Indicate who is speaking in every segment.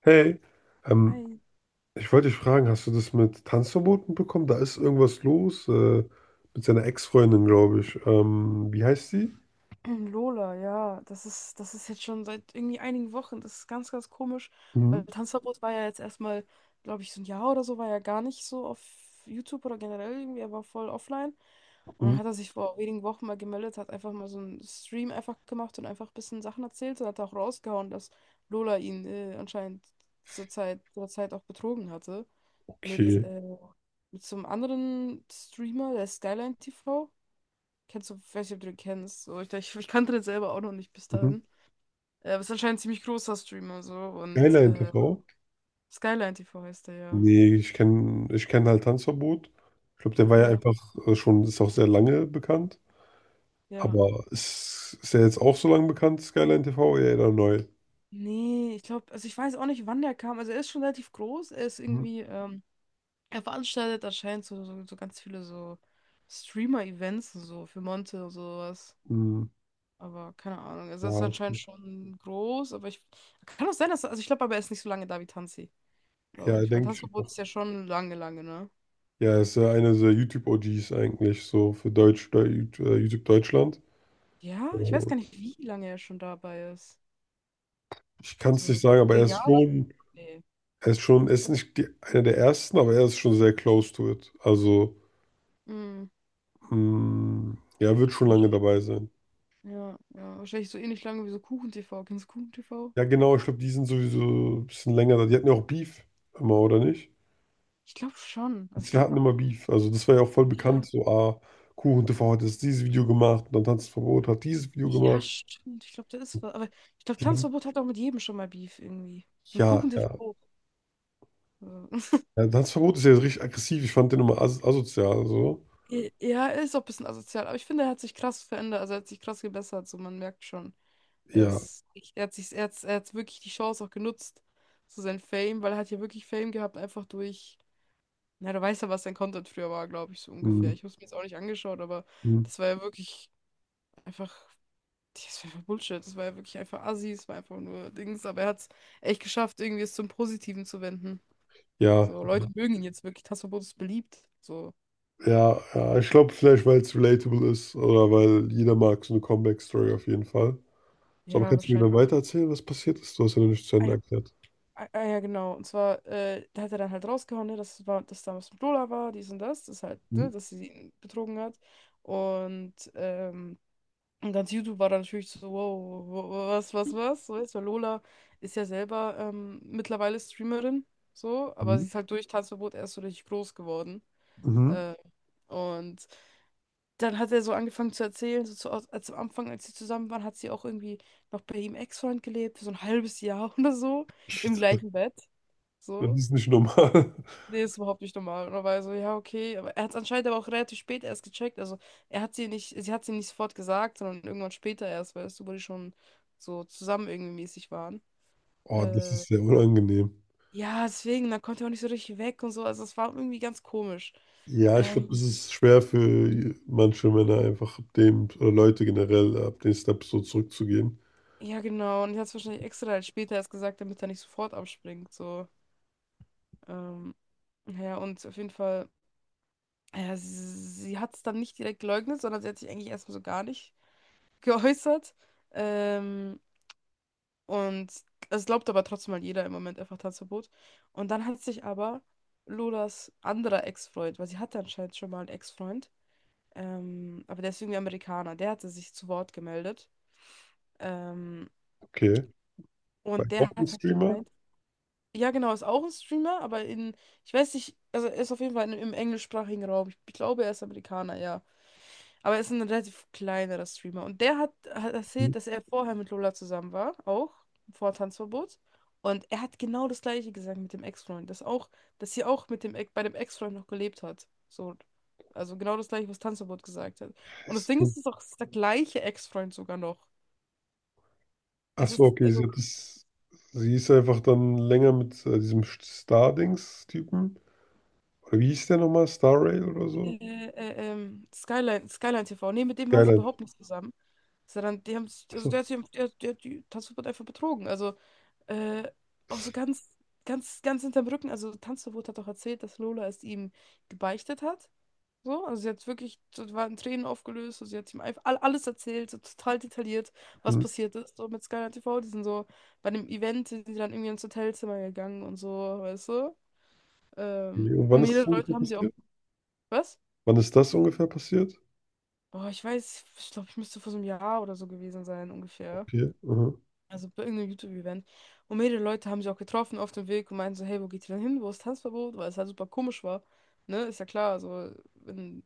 Speaker 1: Hey, ähm,
Speaker 2: Ei,
Speaker 1: ich wollte dich fragen, hast du das mit Tanzverboten bekommen? Da ist irgendwas los, mit seiner Ex-Freundin, glaube ich. Wie heißt sie?
Speaker 2: Lola, ja, das ist jetzt schon seit irgendwie einigen Wochen. Das ist ganz, ganz komisch,
Speaker 1: Mhm.
Speaker 2: weil Tanzverbot war ja jetzt erstmal, glaube ich, so ein Jahr oder so, war ja gar nicht so auf YouTube oder generell irgendwie, er war voll offline. Und dann
Speaker 1: Mhm.
Speaker 2: hat er sich vor wenigen Wochen mal gemeldet, hat einfach mal so einen Stream einfach gemacht und einfach ein bisschen Sachen erzählt und hat auch rausgehauen, dass Lola ihn anscheinend zur Zeit auch betrogen hatte. Mit,
Speaker 1: Okay.
Speaker 2: äh, mit so einem anderen Streamer, der Skyline TV. Kennst du, ich weiß nicht, ob du den kennst. So, ich kannte den selber auch noch nicht bis
Speaker 1: Mhm.
Speaker 2: dahin. Aber ist anscheinend ein ziemlich großer Streamer so. Und
Speaker 1: Skyline TV?
Speaker 2: Skyline TV heißt der ja.
Speaker 1: Nee, ich kenn halt Tanzverbot. Ich glaube, der war ja
Speaker 2: Ja,
Speaker 1: einfach schon, ist auch sehr lange bekannt.
Speaker 2: ja.
Speaker 1: Aber ist er jetzt auch so lange bekannt, Skyline TV? Ja, oder neu?
Speaker 2: Nee, ich glaube, also ich weiß auch nicht, wann der kam. Also er ist schon relativ groß. Er ist
Speaker 1: Mhm.
Speaker 2: irgendwie, er veranstaltet anscheinend so ganz viele so Streamer-Events und so für Monte und sowas.
Speaker 1: Mhm.
Speaker 2: Aber keine Ahnung. Also
Speaker 1: Ja,
Speaker 2: er ist anscheinend
Speaker 1: okay.
Speaker 2: schon groß, aber ich. Kann auch sein, dass. Also ich glaube aber, er ist nicht so lange da wie Tanzi, glaube
Speaker 1: Ja,
Speaker 2: ich. Weil
Speaker 1: denke
Speaker 2: Tanzi
Speaker 1: ich auch.
Speaker 2: ist ja schon lange, lange, ne?
Speaker 1: Ja, ist ja einer der YouTube-OGs eigentlich, so für Deutsch, YouTube Deutschland.
Speaker 2: Ja, ich weiß
Speaker 1: So,
Speaker 2: gar nicht, wie lange er schon dabei ist.
Speaker 1: ich kann es nicht
Speaker 2: So
Speaker 1: sagen, aber er
Speaker 2: zehn
Speaker 1: ist
Speaker 2: Jahre?
Speaker 1: schon,
Speaker 2: Nee.
Speaker 1: er ist nicht die, einer der ersten, aber er ist schon sehr close to it. Also,
Speaker 2: Mm.
Speaker 1: ja, wird schon
Speaker 2: Ja,
Speaker 1: lange
Speaker 2: wahrscheinlich,
Speaker 1: dabei sein.
Speaker 2: ja, ja, wahrscheinlich so ähnlich lange wie so Kuchen-TV. Kennst du Kuchen-TV?
Speaker 1: Ja, genau, ich glaube, die sind sowieso ein bisschen länger da. Die hatten ja auch Beef immer, oder nicht?
Speaker 2: Ich glaube schon.
Speaker 1: Die
Speaker 2: Also ich
Speaker 1: zwei
Speaker 2: glaube,
Speaker 1: hatten immer Beef. Also, das war ja auch voll bekannt,
Speaker 2: ja,
Speaker 1: so, Kuchen, KuchenTV hat jetzt dieses Video gemacht und dann Tanzverbot hat dieses Video
Speaker 2: ja,
Speaker 1: gemacht.
Speaker 2: stimmt. Ich glaube, da ist was. Aber ich glaube,
Speaker 1: Die haben,
Speaker 2: Tanzverbot hat auch mit jedem schon mal Beef irgendwie. Und
Speaker 1: ja, ja.
Speaker 2: Kuchen-TV auch. Ja.
Speaker 1: Ja, Tanzverbot ist ja richtig aggressiv. Ich fand den immer as asozial. So.
Speaker 2: Ja, er ist auch ein bisschen asozial, aber ich finde, er hat sich krass verändert, also er hat sich krass gebessert, so man merkt schon. Er
Speaker 1: Ja.
Speaker 2: ist, er hat sich, er hat wirklich die Chance auch genutzt, so sein Fame, weil er hat ja wirklich Fame gehabt, einfach durch, na, du weißt ja, was sein Content früher war, glaube ich, so ungefähr.
Speaker 1: Hm,
Speaker 2: Ich habe es mir jetzt auch nicht angeschaut, aber
Speaker 1: hm.
Speaker 2: das war ja wirklich einfach, das war einfach Bullshit, das war ja wirklich einfach Assi, es war einfach nur Dings, aber er hat es echt geschafft, irgendwie es zum Positiven zu wenden.
Speaker 1: Ja,
Speaker 2: So, Leute mögen ihn jetzt wirklich, Tasso Bodo ist beliebt, so,
Speaker 1: ja, ja. Ich glaube, vielleicht, weil es relatable ist oder weil jeder mag so eine Comeback-Story auf jeden Fall. So, aber
Speaker 2: ja,
Speaker 1: kannst du mir dann
Speaker 2: wahrscheinlich.
Speaker 1: weitererzählen, was passiert ist? Du hast ja noch nicht zu Ende erklärt.
Speaker 2: Ah, ah, ja, genau. Und zwar, da hat er dann halt rausgehauen, ne, dass es war, dass damals mit Lola war, dies und das, das halt,
Speaker 1: Mhm.
Speaker 2: ne, dass sie ihn betrogen hat. Und, ähm, und ganz YouTube war dann natürlich so, wow, was, was, was, so ist, weil Lola ist ja selber mittlerweile Streamerin, so, aber
Speaker 1: Mhm.
Speaker 2: sie ist halt durch Tanzverbot erst so richtig groß geworden.
Speaker 1: Mhm.
Speaker 2: Äh, und dann hat er so angefangen zu erzählen, so zu, als am Anfang, als sie zusammen waren, hat sie auch irgendwie noch bei ihm Ex-Freund gelebt, für so ein halbes Jahr oder so, im
Speaker 1: Shit.
Speaker 2: gleichen Bett.
Speaker 1: Das
Speaker 2: So.
Speaker 1: ist nicht normal.
Speaker 2: Nee, ist überhaupt nicht normal. Und er war so, ja, okay. Aber er hat es anscheinend aber auch relativ spät erst gecheckt. Also er hat sie nicht, sie hat sie nicht sofort gesagt, sondern irgendwann später erst, weißt du, wo die schon so zusammen irgendwie mäßig waren.
Speaker 1: Oh, das
Speaker 2: Äh,
Speaker 1: ist sehr unangenehm.
Speaker 2: ja, deswegen, dann konnte er auch nicht so richtig weg und so. Also es war irgendwie ganz komisch.
Speaker 1: Ja, ich glaube, es
Speaker 2: Ähm,
Speaker 1: ist schwer für manche Männer einfach ab dem, oder Leute generell, ab den Steps so zurückzugehen.
Speaker 2: ja, genau. Und er hat es wahrscheinlich extra halt später erst gesagt, damit er nicht sofort abspringt. So. Ähm, ja, und auf jeden Fall, ja, sie hat es dann nicht direkt geleugnet, sondern sie hat sich eigentlich erstmal so gar nicht geäußert. Ähm, Und es glaubt aber trotzdem mal jeder im Moment einfach Tanzverbot. Und dann hat sich aber Lolas anderer Ex-Freund, weil sie hatte anscheinend schon mal einen Ex-Freund, aber der ist irgendwie Amerikaner, der hatte sich zu Wort gemeldet. Ähm,
Speaker 1: Okay. Bei
Speaker 2: und
Speaker 1: auch
Speaker 2: der
Speaker 1: ein
Speaker 2: hat halt
Speaker 1: Streamer?
Speaker 2: gemeint, ja genau, ist auch ein Streamer, aber in, ich weiß nicht, also er ist auf jeden Fall in, im englischsprachigen Raum. Ich glaube, er ist Amerikaner, ja. Aber er ist ein relativ kleinerer Streamer. Und der hat erzählt, dass er vorher mit Lola zusammen war, auch vor Tanzverbot. Und er hat genau das Gleiche gesagt mit dem Ex-Freund. Dass auch, dass sie auch mit dem, bei dem Ex-Freund noch gelebt hat. So, also genau das Gleiche, was Tanzverbot gesagt hat. Und das Ding ist,
Speaker 1: Mhm.
Speaker 2: es ist auch der gleiche Ex-Freund sogar noch.
Speaker 1: Ach
Speaker 2: Es
Speaker 1: so,
Speaker 2: ist,
Speaker 1: okay, sie
Speaker 2: also,
Speaker 1: hat das, sie ist einfach dann länger mit diesem Star-Dings-Typen. Oder wie hieß der nochmal? Star Rail oder so?
Speaker 2: äh, Skyline TV. Nee, mit dem war sie
Speaker 1: Skyline.
Speaker 2: überhaupt nicht zusammen. Sondern die haben,
Speaker 1: Ach
Speaker 2: also
Speaker 1: so.
Speaker 2: der hat sie, die Tanzverbot einfach betrogen. Also, Äh, auch so ganz hinterm Rücken. Also Tanzverbot hat auch erzählt, dass Lola es ihm gebeichtet hat. So, also sie hat wirklich, so, war in Tränen aufgelöst, so, sie hat ihm einfach alles erzählt, so total detailliert, was
Speaker 1: Hm.
Speaker 2: passiert ist. So mit Skyline TV, die sind so bei dem Event, sind sie dann irgendwie ins Hotelzimmer gegangen und so, weißt du?
Speaker 1: Okay. Und
Speaker 2: Und
Speaker 1: wann ist das
Speaker 2: mehrere Leute
Speaker 1: ungefähr
Speaker 2: haben sie auch,
Speaker 1: passiert?
Speaker 2: was?
Speaker 1: Wann ist das ungefähr passiert?
Speaker 2: Oh, ich weiß, ich glaube, ich müsste vor so einem Jahr oder so gewesen sein, ungefähr.
Speaker 1: Okay, aha.
Speaker 2: Also bei irgendeinem YouTube-Event. Und mehrere Leute haben sich auch getroffen auf dem Weg und meinten so, hey, wo geht ihr denn hin? Wo ist Tanzverbot? Weil es halt super komisch war. Ne, ist ja klar, also wenn,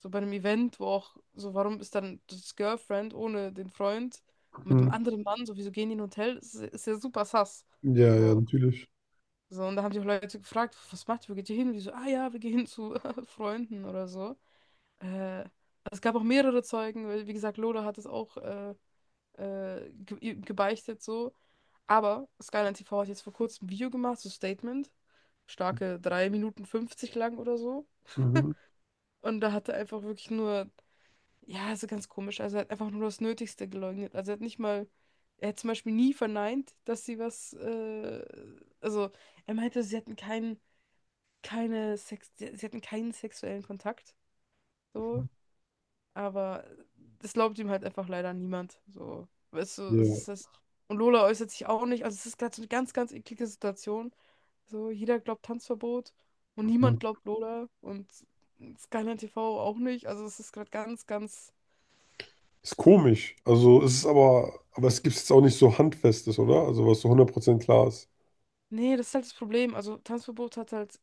Speaker 2: so bei einem Event, wo auch, so warum ist dann das Girlfriend ohne den Freund mit
Speaker 1: Hm.
Speaker 2: einem anderen Mann, so wieso gehen die in ein Hotel? Ist ja super sus.
Speaker 1: Ja, ja,
Speaker 2: So,
Speaker 1: natürlich.
Speaker 2: so, und da haben sich auch Leute gefragt, was macht ihr, wo geht ihr hin? Wie so, ah ja, wir gehen hin zu Freunden oder so. Äh, Es gab auch mehrere Zeugen, weil, wie gesagt, Lola hat es auch ge gebeichtet so. Aber Skyline TV hat jetzt vor kurzem ein Video gemacht, so Statement, starke 3:50 lang oder so.
Speaker 1: Mhm.
Speaker 2: Und da hat er einfach wirklich nur, ja, also ganz komisch, also er hat einfach nur das Nötigste geleugnet. Also er hat nicht mal, er hat zum Beispiel nie verneint, dass sie was, also er meinte, sie hatten keinen, keine Sex, sie hatten keinen sexuellen Kontakt. So, aber das glaubt ihm halt einfach leider niemand. So, weißt du, das
Speaker 1: Ja.
Speaker 2: ist das. Und Lola äußert sich auch nicht. Also es ist gerade so eine ganz, ganz eklige Situation. So, jeder glaubt Tanzverbot und
Speaker 1: Hm.
Speaker 2: niemand glaubt Lola und Skyline TV auch nicht. Also es ist gerade ganz, ganz.
Speaker 1: Ist komisch. Also es ist aber es gibt jetzt auch nicht so Handfestes, oder? Also was so 100% klar ist.
Speaker 2: Nee, das ist halt das Problem. Also Tanzverbot hat halt.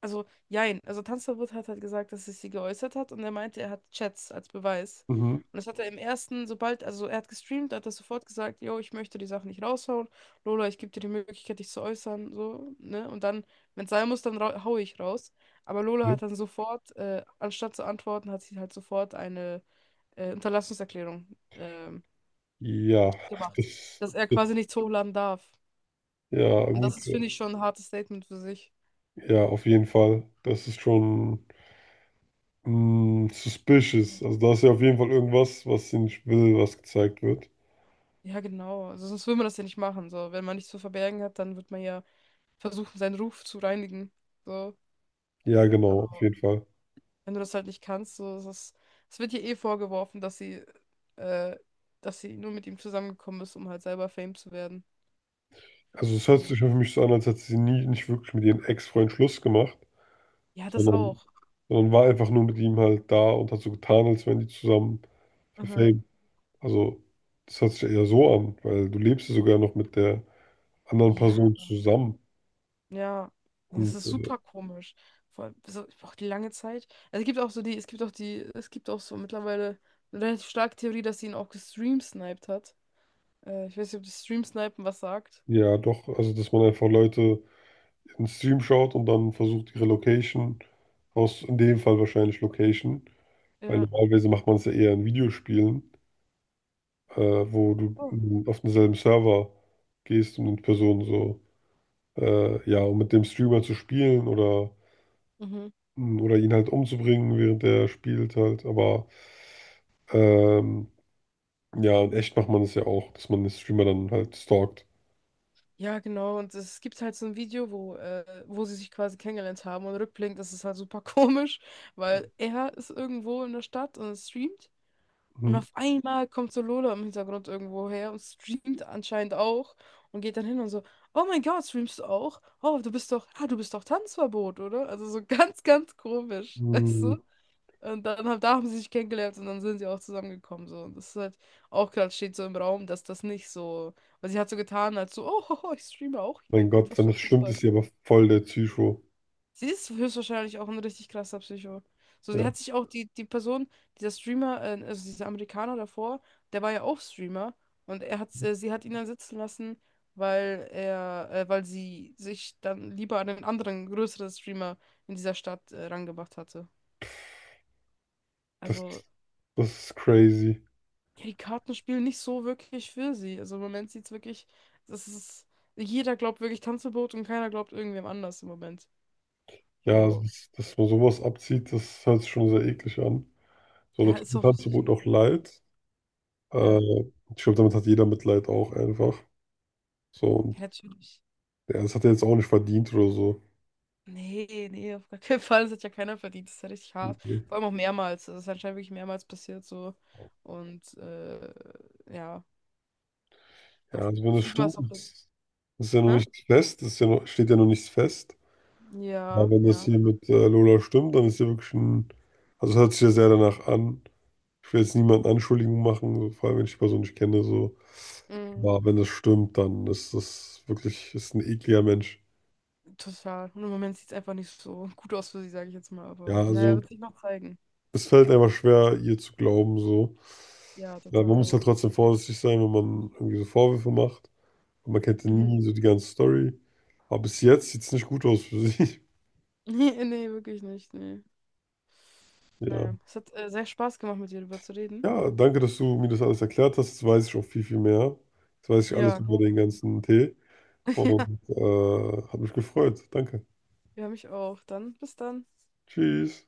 Speaker 2: Also, jein. Also, Tanzverbot hat halt gesagt, dass es sie geäußert hat und er meinte, er hat Chats als Beweis.
Speaker 1: Mhm.
Speaker 2: Und das hat er im ersten, sobald, also er hat gestreamt, hat er sofort gesagt, yo, ich möchte die Sachen nicht raushauen. Lola, ich gebe dir die Möglichkeit, dich zu äußern, so, ne? Und dann, wenn es sein muss, dann hau ich raus. Aber Lola
Speaker 1: Ja,
Speaker 2: hat dann sofort, anstatt zu antworten, hat sie halt sofort eine Unterlassungserklärung ähm,
Speaker 1: ja,
Speaker 2: gemacht,
Speaker 1: das,
Speaker 2: dass er quasi
Speaker 1: das,
Speaker 2: nichts hochladen darf.
Speaker 1: ja,
Speaker 2: Und
Speaker 1: gut.
Speaker 2: das ist, finde ich, schon ein hartes Statement für sich.
Speaker 1: Ja, auf jeden Fall. Das ist schon. Mm, suspicious. Also da ist ja auf jeden Fall irgendwas, was sie nicht will, was gezeigt wird.
Speaker 2: Ja, genau. Also sonst will man das ja nicht machen. So, wenn man nichts zu verbergen hat, dann wird man ja versuchen, seinen Ruf zu reinigen. So.
Speaker 1: Ja, genau, auf
Speaker 2: Aber
Speaker 1: jeden Fall.
Speaker 2: wenn du das halt nicht kannst, so, es ist, es wird ihr eh vorgeworfen, äh, dass sie nur mit ihm zusammengekommen ist, um halt selber Fame zu werden.
Speaker 1: Also es hört
Speaker 2: So.
Speaker 1: sich für mich so an, als hätte sie nie nicht wirklich mit ihrem Ex-Freund Schluss gemacht,
Speaker 2: Ja, das
Speaker 1: sondern,
Speaker 2: auch.
Speaker 1: sondern war einfach nur mit ihm halt da und hat so getan, als wären die zusammen für
Speaker 2: Aha.
Speaker 1: Fame. Also das hört sich eher so an, weil du lebst ja sogar noch mit der anderen
Speaker 2: Ja,
Speaker 1: Person zusammen.
Speaker 2: ja. Nee, das
Speaker 1: Und
Speaker 2: ist super komisch. Vor allem, so, ich brauche die lange Zeit. Also es gibt auch so die, es gibt auch die, es gibt auch so mittlerweile eine relativ starke Theorie, dass sie ihn auch gestreamsniped hat. Ich weiß nicht, ob das Stream Snipen was sagt.
Speaker 1: ja, doch, also dass man einfach Leute in den Stream schaut und dann versucht, ihre Location, aus in dem Fall wahrscheinlich Location. Weil
Speaker 2: Ja.
Speaker 1: normalerweise macht man es ja eher in Videospielen, wo du
Speaker 2: Oh.
Speaker 1: auf denselben Server gehst und mit Personen so, ja, um mit dem Streamer zu spielen oder,
Speaker 2: Mhm.
Speaker 1: oder ihn halt umzubringen, während er spielt halt. Aber ähm, ja, in echt macht man es ja auch, dass man den Streamer dann halt stalkt.
Speaker 2: Ja, genau. Und es gibt halt so ein Video, wo, wo sie sich quasi kennengelernt haben. Und rückblickend ist es halt super komisch, weil er ist irgendwo in der Stadt und streamt. Und
Speaker 1: Mhm.
Speaker 2: auf einmal kommt so Lola im Hintergrund irgendwo her und streamt anscheinend auch. Und geht dann hin und so, oh mein Gott, streamst du auch? Oh, du bist doch, ah, du bist doch Tanzverbot, oder? Also so ganz, ganz komisch. Weißt du?
Speaker 1: Mm,
Speaker 2: Und dann haben, da haben sie sich kennengelernt und dann sind sie auch zusammengekommen. So. Und das ist halt auch gerade steht so im Raum, dass das nicht so. Weil sie hat so getan, als so, oh, ich streame auch
Speaker 1: mein
Speaker 2: hier. Wie,
Speaker 1: Gott,
Speaker 2: was
Speaker 1: wenn
Speaker 2: für
Speaker 1: das
Speaker 2: ein
Speaker 1: stimmt,
Speaker 2: Zufall.
Speaker 1: ist sie aber voll der Psycho.
Speaker 2: Sie ist höchstwahrscheinlich auch ein richtig krasser Psycho. So, sie
Speaker 1: Ja,
Speaker 2: hat sich auch die, die Person, dieser Streamer, also dieser Amerikaner davor, der war ja auch Streamer. Und er hat, sie hat ihn dann sitzen lassen, weil er, weil sie sich dann lieber an einen anderen größeren Streamer in dieser Stadt, rangemacht hatte.
Speaker 1: das
Speaker 2: Also.
Speaker 1: ist, das ist crazy.
Speaker 2: Ja, die Karten spielen nicht so wirklich für sie. Also im Moment sieht's wirklich, das ist, jeder glaubt wirklich Tanzverbot und keiner glaubt irgendwem anders im Moment.
Speaker 1: Ja, das,
Speaker 2: So,
Speaker 1: ist- dass man sowas abzieht, das hört sich schon sehr eklig an. So, da
Speaker 2: ja,
Speaker 1: tut
Speaker 2: ist
Speaker 1: mir
Speaker 2: auch richtig.
Speaker 1: Tanzverbot auch
Speaker 2: Irgendwie.
Speaker 1: leid. Äh,
Speaker 2: Ja,
Speaker 1: Ich glaube, damit hat jeder Mitleid auch einfach. So,
Speaker 2: ja,
Speaker 1: und
Speaker 2: natürlich.
Speaker 1: ja, das hat er jetzt auch nicht verdient oder so.
Speaker 2: Nee, nee, auf gar keinen Fall. Das hat ja keiner verdient. Das ist ja richtig hart.
Speaker 1: Nee.
Speaker 2: Vor allem auch mehrmals. Das ist anscheinend wirklich mehrmals passiert so. Und ja,
Speaker 1: Ja,
Speaker 2: so
Speaker 1: also wenn das
Speaker 2: viel man
Speaker 1: stimmt,
Speaker 2: es auch.
Speaker 1: ist ja noch
Speaker 2: Hä?
Speaker 1: nichts fest, ist ja noch, steht ja noch nichts fest.
Speaker 2: Ja,
Speaker 1: Aber wenn das
Speaker 2: ja.
Speaker 1: hier mit Lola stimmt, dann ist ja wirklich ein, also es hört sich ja sehr danach an. Ich will jetzt niemanden Anschuldigungen machen, so, vor allem wenn ich die Person nicht kenne, so.
Speaker 2: Mm,
Speaker 1: Aber wenn das stimmt, dann ist das wirklich, ist ein ekliger Mensch.
Speaker 2: total. Und im Moment sieht es einfach nicht so gut aus für sie, sage ich jetzt mal.
Speaker 1: Ja,
Speaker 2: Aber naja,
Speaker 1: also
Speaker 2: wird sich noch zeigen.
Speaker 1: es fällt einfach schwer, ihr zu glauben, so.
Speaker 2: Ja,
Speaker 1: Ja, man muss
Speaker 2: total.
Speaker 1: halt trotzdem vorsichtig sein, wenn man irgendwie so Vorwürfe macht. Und man kennt ja
Speaker 2: Mhm.
Speaker 1: nie so die ganze Story. Aber bis jetzt sieht es nicht gut aus für sie.
Speaker 2: Nee, nee, wirklich nicht. Nee.
Speaker 1: Ja.
Speaker 2: Naja, es hat sehr Spaß gemacht, mit dir darüber zu reden.
Speaker 1: Ja, danke, dass du mir das alles erklärt hast. Jetzt weiß ich auch viel, viel mehr. Jetzt weiß ich alles
Speaker 2: Ja,
Speaker 1: über den
Speaker 2: ja,
Speaker 1: ganzen Tee. Und hat mich gefreut. Danke.
Speaker 2: ja, mich auch. Dann, bis dann.
Speaker 1: Tschüss.